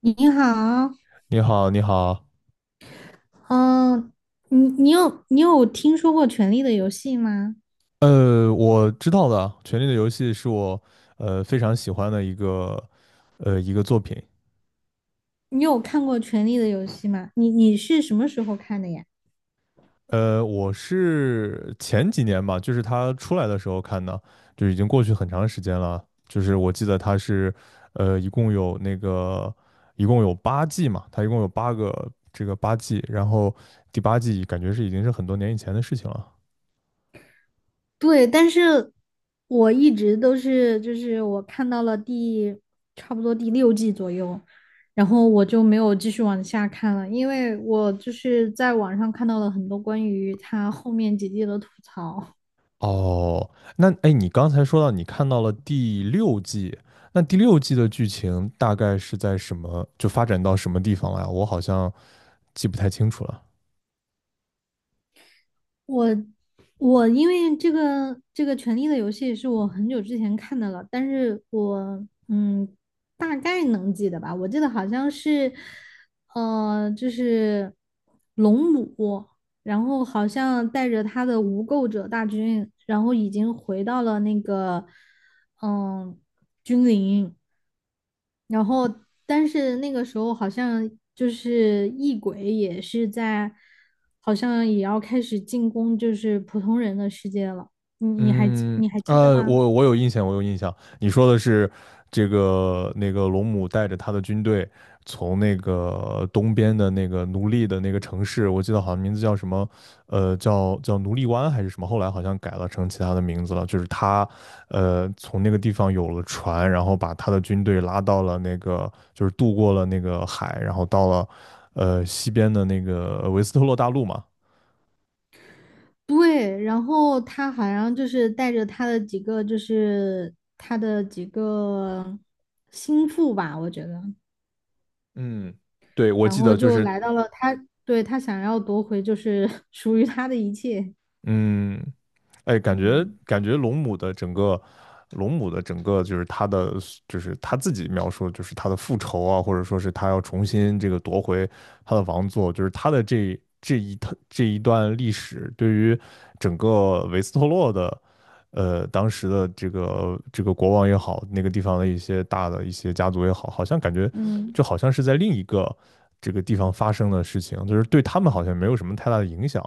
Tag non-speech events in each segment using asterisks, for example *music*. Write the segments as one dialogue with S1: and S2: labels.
S1: 你好，
S2: 你好，你好。
S1: 嗯、你你有听说过《权力的游戏》吗？
S2: 我知道的。《权力的游戏》是我非常喜欢的一个作品。
S1: 你有看过《权力的游戏》吗？你是什么时候看的呀？
S2: 我是前几年吧，就是它出来的时候看的，就已经过去很长时间了。就是我记得它是一共有那个一共有八季嘛，它一共有八个这个八季，然后第八季感觉是已经是很多年以前的事情了。
S1: 对，但是我一直都是，就是我看到了差不多第六季左右，然后我就没有继续往下看了，因为我就是在网上看到了很多关于他后面几季的吐槽。
S2: 哦。那哎，你刚才说到你看到了第六季，那第六季的剧情大概是在什么，就发展到什么地方了呀？我好像记不太清楚了。
S1: 我我因为这个《权力的游戏》是我很久之前看的了，但是我大概能记得吧，我记得好像是呃就是龙母，然后好像带着他的无垢者大军，然后已经回到了那个嗯君临，然后但是那个时候好像就是异鬼也是在，好像也要开始进攻就是普通人的世界了。你你还记
S2: 嗯。
S1: 你还记得吗？
S2: 我有印象，我有印象。你说的是这个那个龙母带着他的军队从那个东边的那个奴隶的那个城市，我记得好像名字叫什么。叫奴隶湾还是什么，后来好像改了成其他的名字了。就是他，从那个地方有了船，然后把他的军队拉到了那个，就是渡过了那个海，然后到了，西边的那个维斯特洛大陆嘛。
S1: 对，然后他好像就是带着他的几个，就是他的几个心腹吧，我觉得，
S2: 嗯，对，我
S1: 然
S2: 记
S1: 后
S2: 得就
S1: 就
S2: 是。
S1: 来到了他，对，他想要夺回就是 *laughs* 属于他的一切。
S2: 嗯，哎，感觉
S1: 嗯
S2: 感觉龙母的整个，龙母的整个就是她的，就是她自己描述，就是她的复仇啊，或者说是她要重新这个夺回她的王座，就是她的这这一趟这一段历史，对于整个维斯特洛的，当时的这个这个国王也好，那个地方的一些大的一些家族也好，好像感觉
S1: 嗯。
S2: 就好像是在另一个这个地方发生的事情，就是对他们好像没有什么太大的影响。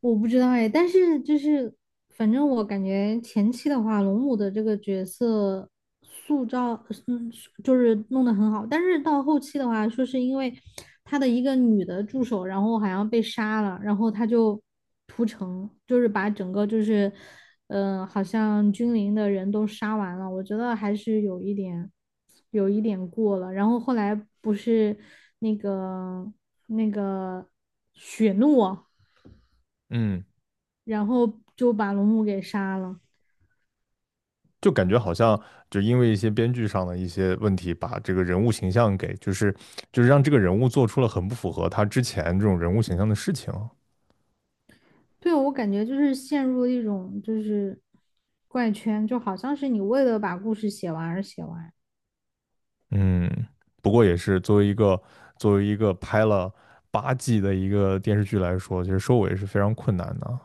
S1: 我不知道哎，但是反正我感觉前期的话，龙母的这个角色塑造，嗯，就是弄得很好，但是到后期的话，说是因为他的一个女的助手，然后好像被杀了，然后他就屠城，就是把整个就是，好像君临的人都杀完了，我觉得还是有一点，有一点过了。然后后来不是那个那个雪诺。
S2: 嗯。
S1: 然后就把龙母给杀了。
S2: 就感觉好像就因为一些编剧上的一些问题，把这个人物形象给就是就是让这个人物做出了很不符合他之前这种人物形象的事情。
S1: 对，我感觉就是陷入了一种就是怪圈，就好像是你为了把故事写完而写完。
S2: 嗯，不过也是作为一个作为一个拍了八季的一个电视剧来说，其实收尾是非常困难的。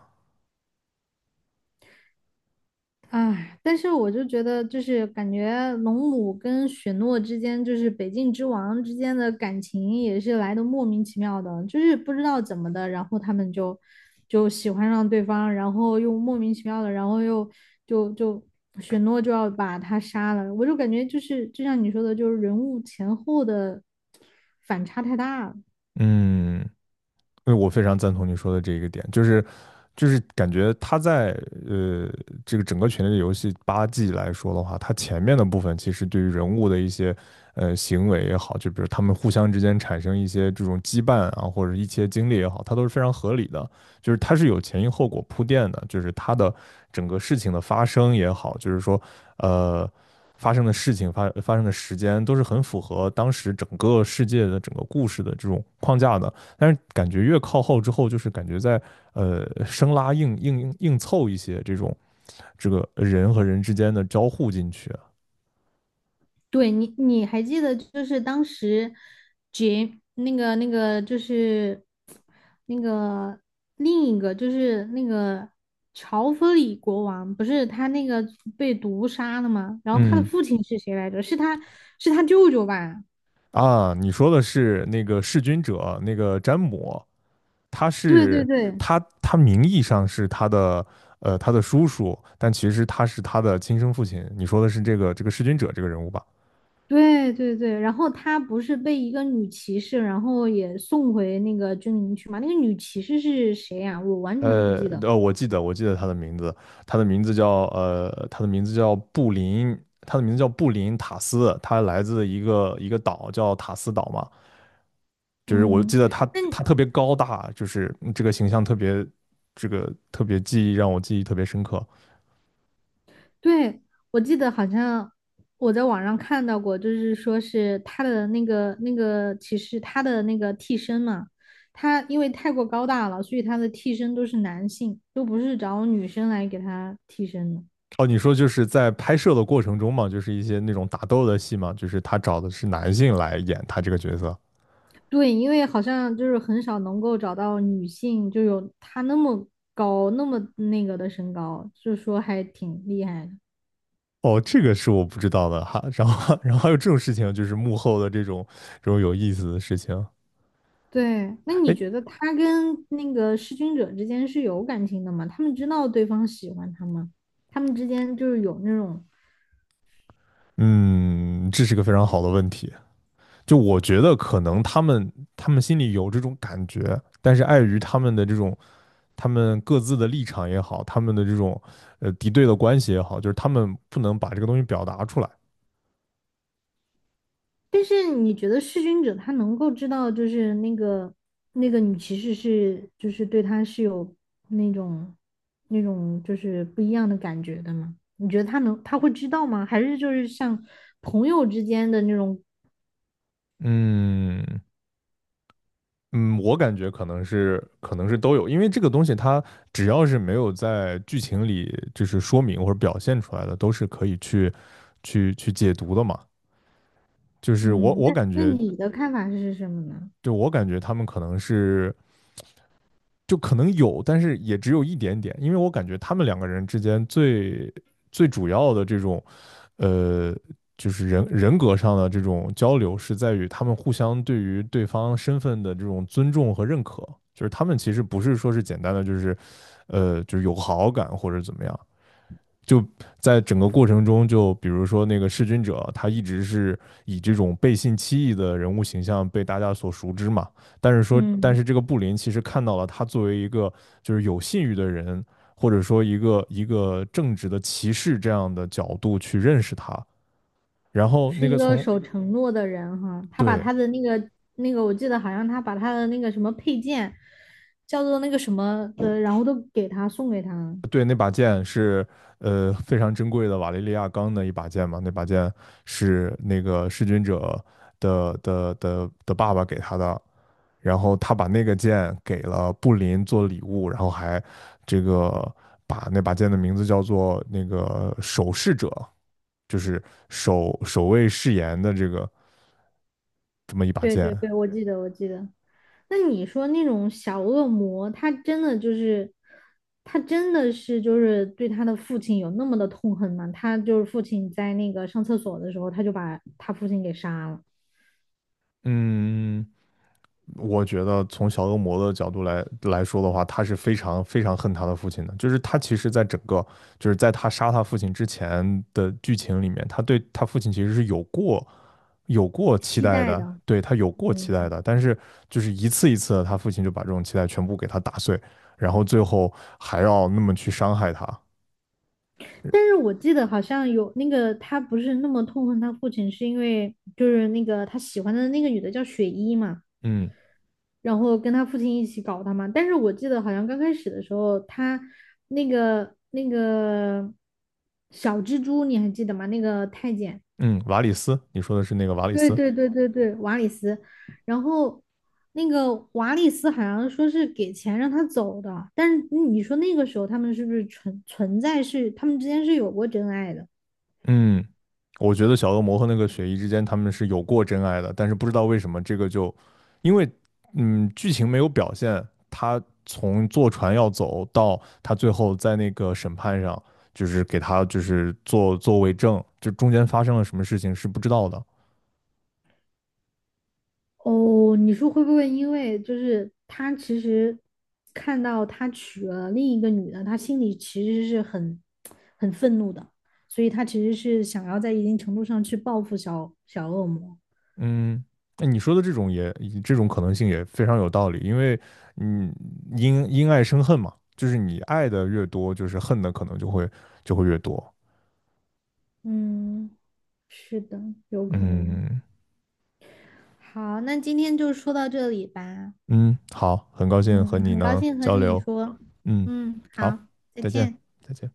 S1: 哎，但是我就觉得，就是感觉龙母跟雪诺之间，就是北境之王之间的感情也是来的莫名其妙的，就是不知道怎么的，然后他们就喜欢上对方，然后又莫名其妙的，然后又就就雪诺就要把他杀了，我就感觉就是就像你说的，就是人物前后的反差太大了。
S2: 嗯，因为我非常赞同你说的这一个点，就是就是感觉他在呃这个整个《权力的游戏》八季来说的话，他前面的部分其实对于人物的一些行为也好，就比如他们互相之间产生一些这种羁绊啊，或者一些经历也好，它都是非常合理的。就是它是有前因后果铺垫的，就是它的整个事情的发生也好，就是说呃发生的事情发发生的时间都是很符合当时整个世界的整个故事的这种框架的。但是感觉越靠后之后，就是感觉在生拉硬凑一些这种这个人和人之间的交互进去啊。
S1: 对你，你还记得就是当时杰那个那个就是那个另一个就是那个乔弗里国王，不是他那个被毒杀了吗？然后他的
S2: 嗯。
S1: 父亲是谁来着？是他舅舅吧？
S2: 啊，你说的是那个弑君者，那个詹姆，他
S1: 对对
S2: 是
S1: 对
S2: 他他名义上是他的他的叔叔，但其实他是他的亲生父亲。你说的是这个这个弑君者这个人物吧？
S1: 对对对。然后他不是被一个女骑士，然后也送回那个军营去吗？那个女骑士是谁呀、我完全不记得。
S2: 我记得他的名字，他的名字叫他的名字叫布林，他的名字叫布林塔斯，他来自一个一个岛叫塔斯岛嘛。就是我
S1: 嗯，
S2: 记得他
S1: 那
S2: 他特别高大，就是这个形象特别这个特别记忆让我记忆特别深刻。
S1: 对，我记得好像我在网上看到过，就是说是他的那个那个其实他的那个替身嘛，他因为太过高大了，所以他的替身都是男性，都不是找女生来给他替身的。
S2: 哦，你说就是在拍摄的过程中嘛，就是一些那种打斗的戏嘛，就是他找的是男性来演他这个角色。
S1: 对，因为好像就是很少能够找到女性就有他那么高那么的身高，就说还挺厉害的。
S2: 哦，这个是我不知道的哈。然后，*laughs* 然后还有这种事情，就是幕后的这种这种有意思的事情。
S1: 对，那你
S2: 哎。
S1: 觉得他跟那个弑君者之间是有感情的吗？他们知道对方喜欢他吗？他们之间就是有那种，
S2: 嗯，这是个非常好的问题。就我觉得可能他们他们心里有这种感觉，但是碍于他们的这种他们各自的立场也好，他们的这种敌对的关系也好，就是他们不能把这个东西表达出来。
S1: 但是你觉得弑君者他能够知道，就是那个女骑士是就是对他是有那种那种就是不一样的感觉的吗？你觉得他会知道吗？还是就是像朋友之间的那种，
S2: 嗯。嗯，我感觉可能是都有，因为这个东西它只要是没有在剧情里就是说明或者表现出来的，都是可以去去去解读的嘛。就是我
S1: 嗯，
S2: 我
S1: 那
S2: 感
S1: 那
S2: 觉，
S1: 你的看法是什么呢？
S2: 就我感觉他们可能是就可能有，但是也只有一点点，因为我感觉他们两个人之间最最主要的这种，呃，就是人人格上的这种交流，是在于他们互相对于对方身份的这种尊重和认可，就是他们其实不是说是简单的就是，就是有好感或者怎么样，就在整个过程中，就比如说那个弑君者，他一直是以这种背信弃义的人物形象被大家所熟知嘛。但是说，但
S1: 嗯。
S2: 是这个布林其实看到了他作为一个就是有信誉的人，或者说一个一个正直的骑士这样的角度去认识他。然后那
S1: 是一
S2: 个
S1: 个
S2: 从
S1: 守承诺的人哈，他把
S2: 对
S1: 他的那个，我记得好像他把他的那个什么配件，叫做那个什么的，然后都给他送给他。
S2: 对那把剑是非常珍贵的瓦雷利亚钢的一把剑嘛，那把剑是那个弑君者。的的的的爸爸给他的，然后他把那个剑给了布林做礼物，然后还这个把那把剑的名字叫做那个守侍者，就是守守卫誓言的这个这么一把
S1: 对对对，
S2: 剑。
S1: 我记得。那你说那种小恶魔，他真的就是，他真的是就是对他的父亲有那么的痛恨吗？他就是父亲在那个上厕所的时候，他就把他父亲给杀了，
S2: 嗯，我觉得从小恶魔的角度来说的话，他是非常非常恨他的父亲的。就是他其实，在整个就是在他杀他父亲之前的剧情里面，他对他父亲其实是有过有过期
S1: 期
S2: 待
S1: 待的，
S2: 的，对，他有过期待
S1: 嗯。
S2: 的，但是就是一次一次的，他父亲就把这种期待全部给他打碎，然后最后还要那么去伤害他。
S1: 但是我记得好像有那个他不是那么痛恨他父亲，是因为就是那个他喜欢的那个女的叫雪衣嘛，
S2: 嗯。
S1: 然后跟他父亲一起搞他嘛。但是我记得好像刚开始的时候，他那个小蜘蛛你还记得吗？那个太监，
S2: 嗯，瓦里斯，你说的是那个瓦里
S1: 对
S2: 斯？
S1: 对对对对，瓦里斯。然后那个瓦里斯好像说是给钱让他走的，但是你说那个时候他们是不是存存在是他们之间是有过真爱的？
S2: 嗯，我觉得小恶魔和那个雪姨之间他们是有过真爱的，但是不知道为什么这个就，因为剧情没有表现，他从坐船要走到他最后在那个审判上，就是给他就是做做为证，就中间发生了什么事情是不知道的。
S1: 哦，你说会不会因为就是他其实看到他娶了另一个女的，他心里其实是很愤怒的，所以他其实是想要在一定程度上去报复小恶魔。
S2: 嗯，那你说的这种也这种可能性也非常有道理，因为嗯，因因爱生恨嘛，就是你爱的越多，就是恨的可能就会就会越多。
S1: 嗯，是的，有可能。
S2: 嗯。
S1: 好，那今天就说到这里吧。
S2: 嗯，好，很高兴和
S1: 嗯，
S2: 你
S1: 很高
S2: 能
S1: 兴和
S2: 交
S1: 你
S2: 流。
S1: 说。
S2: 嗯，
S1: 嗯，好，
S2: 好，
S1: 再
S2: 再见，
S1: 见。
S2: 再见。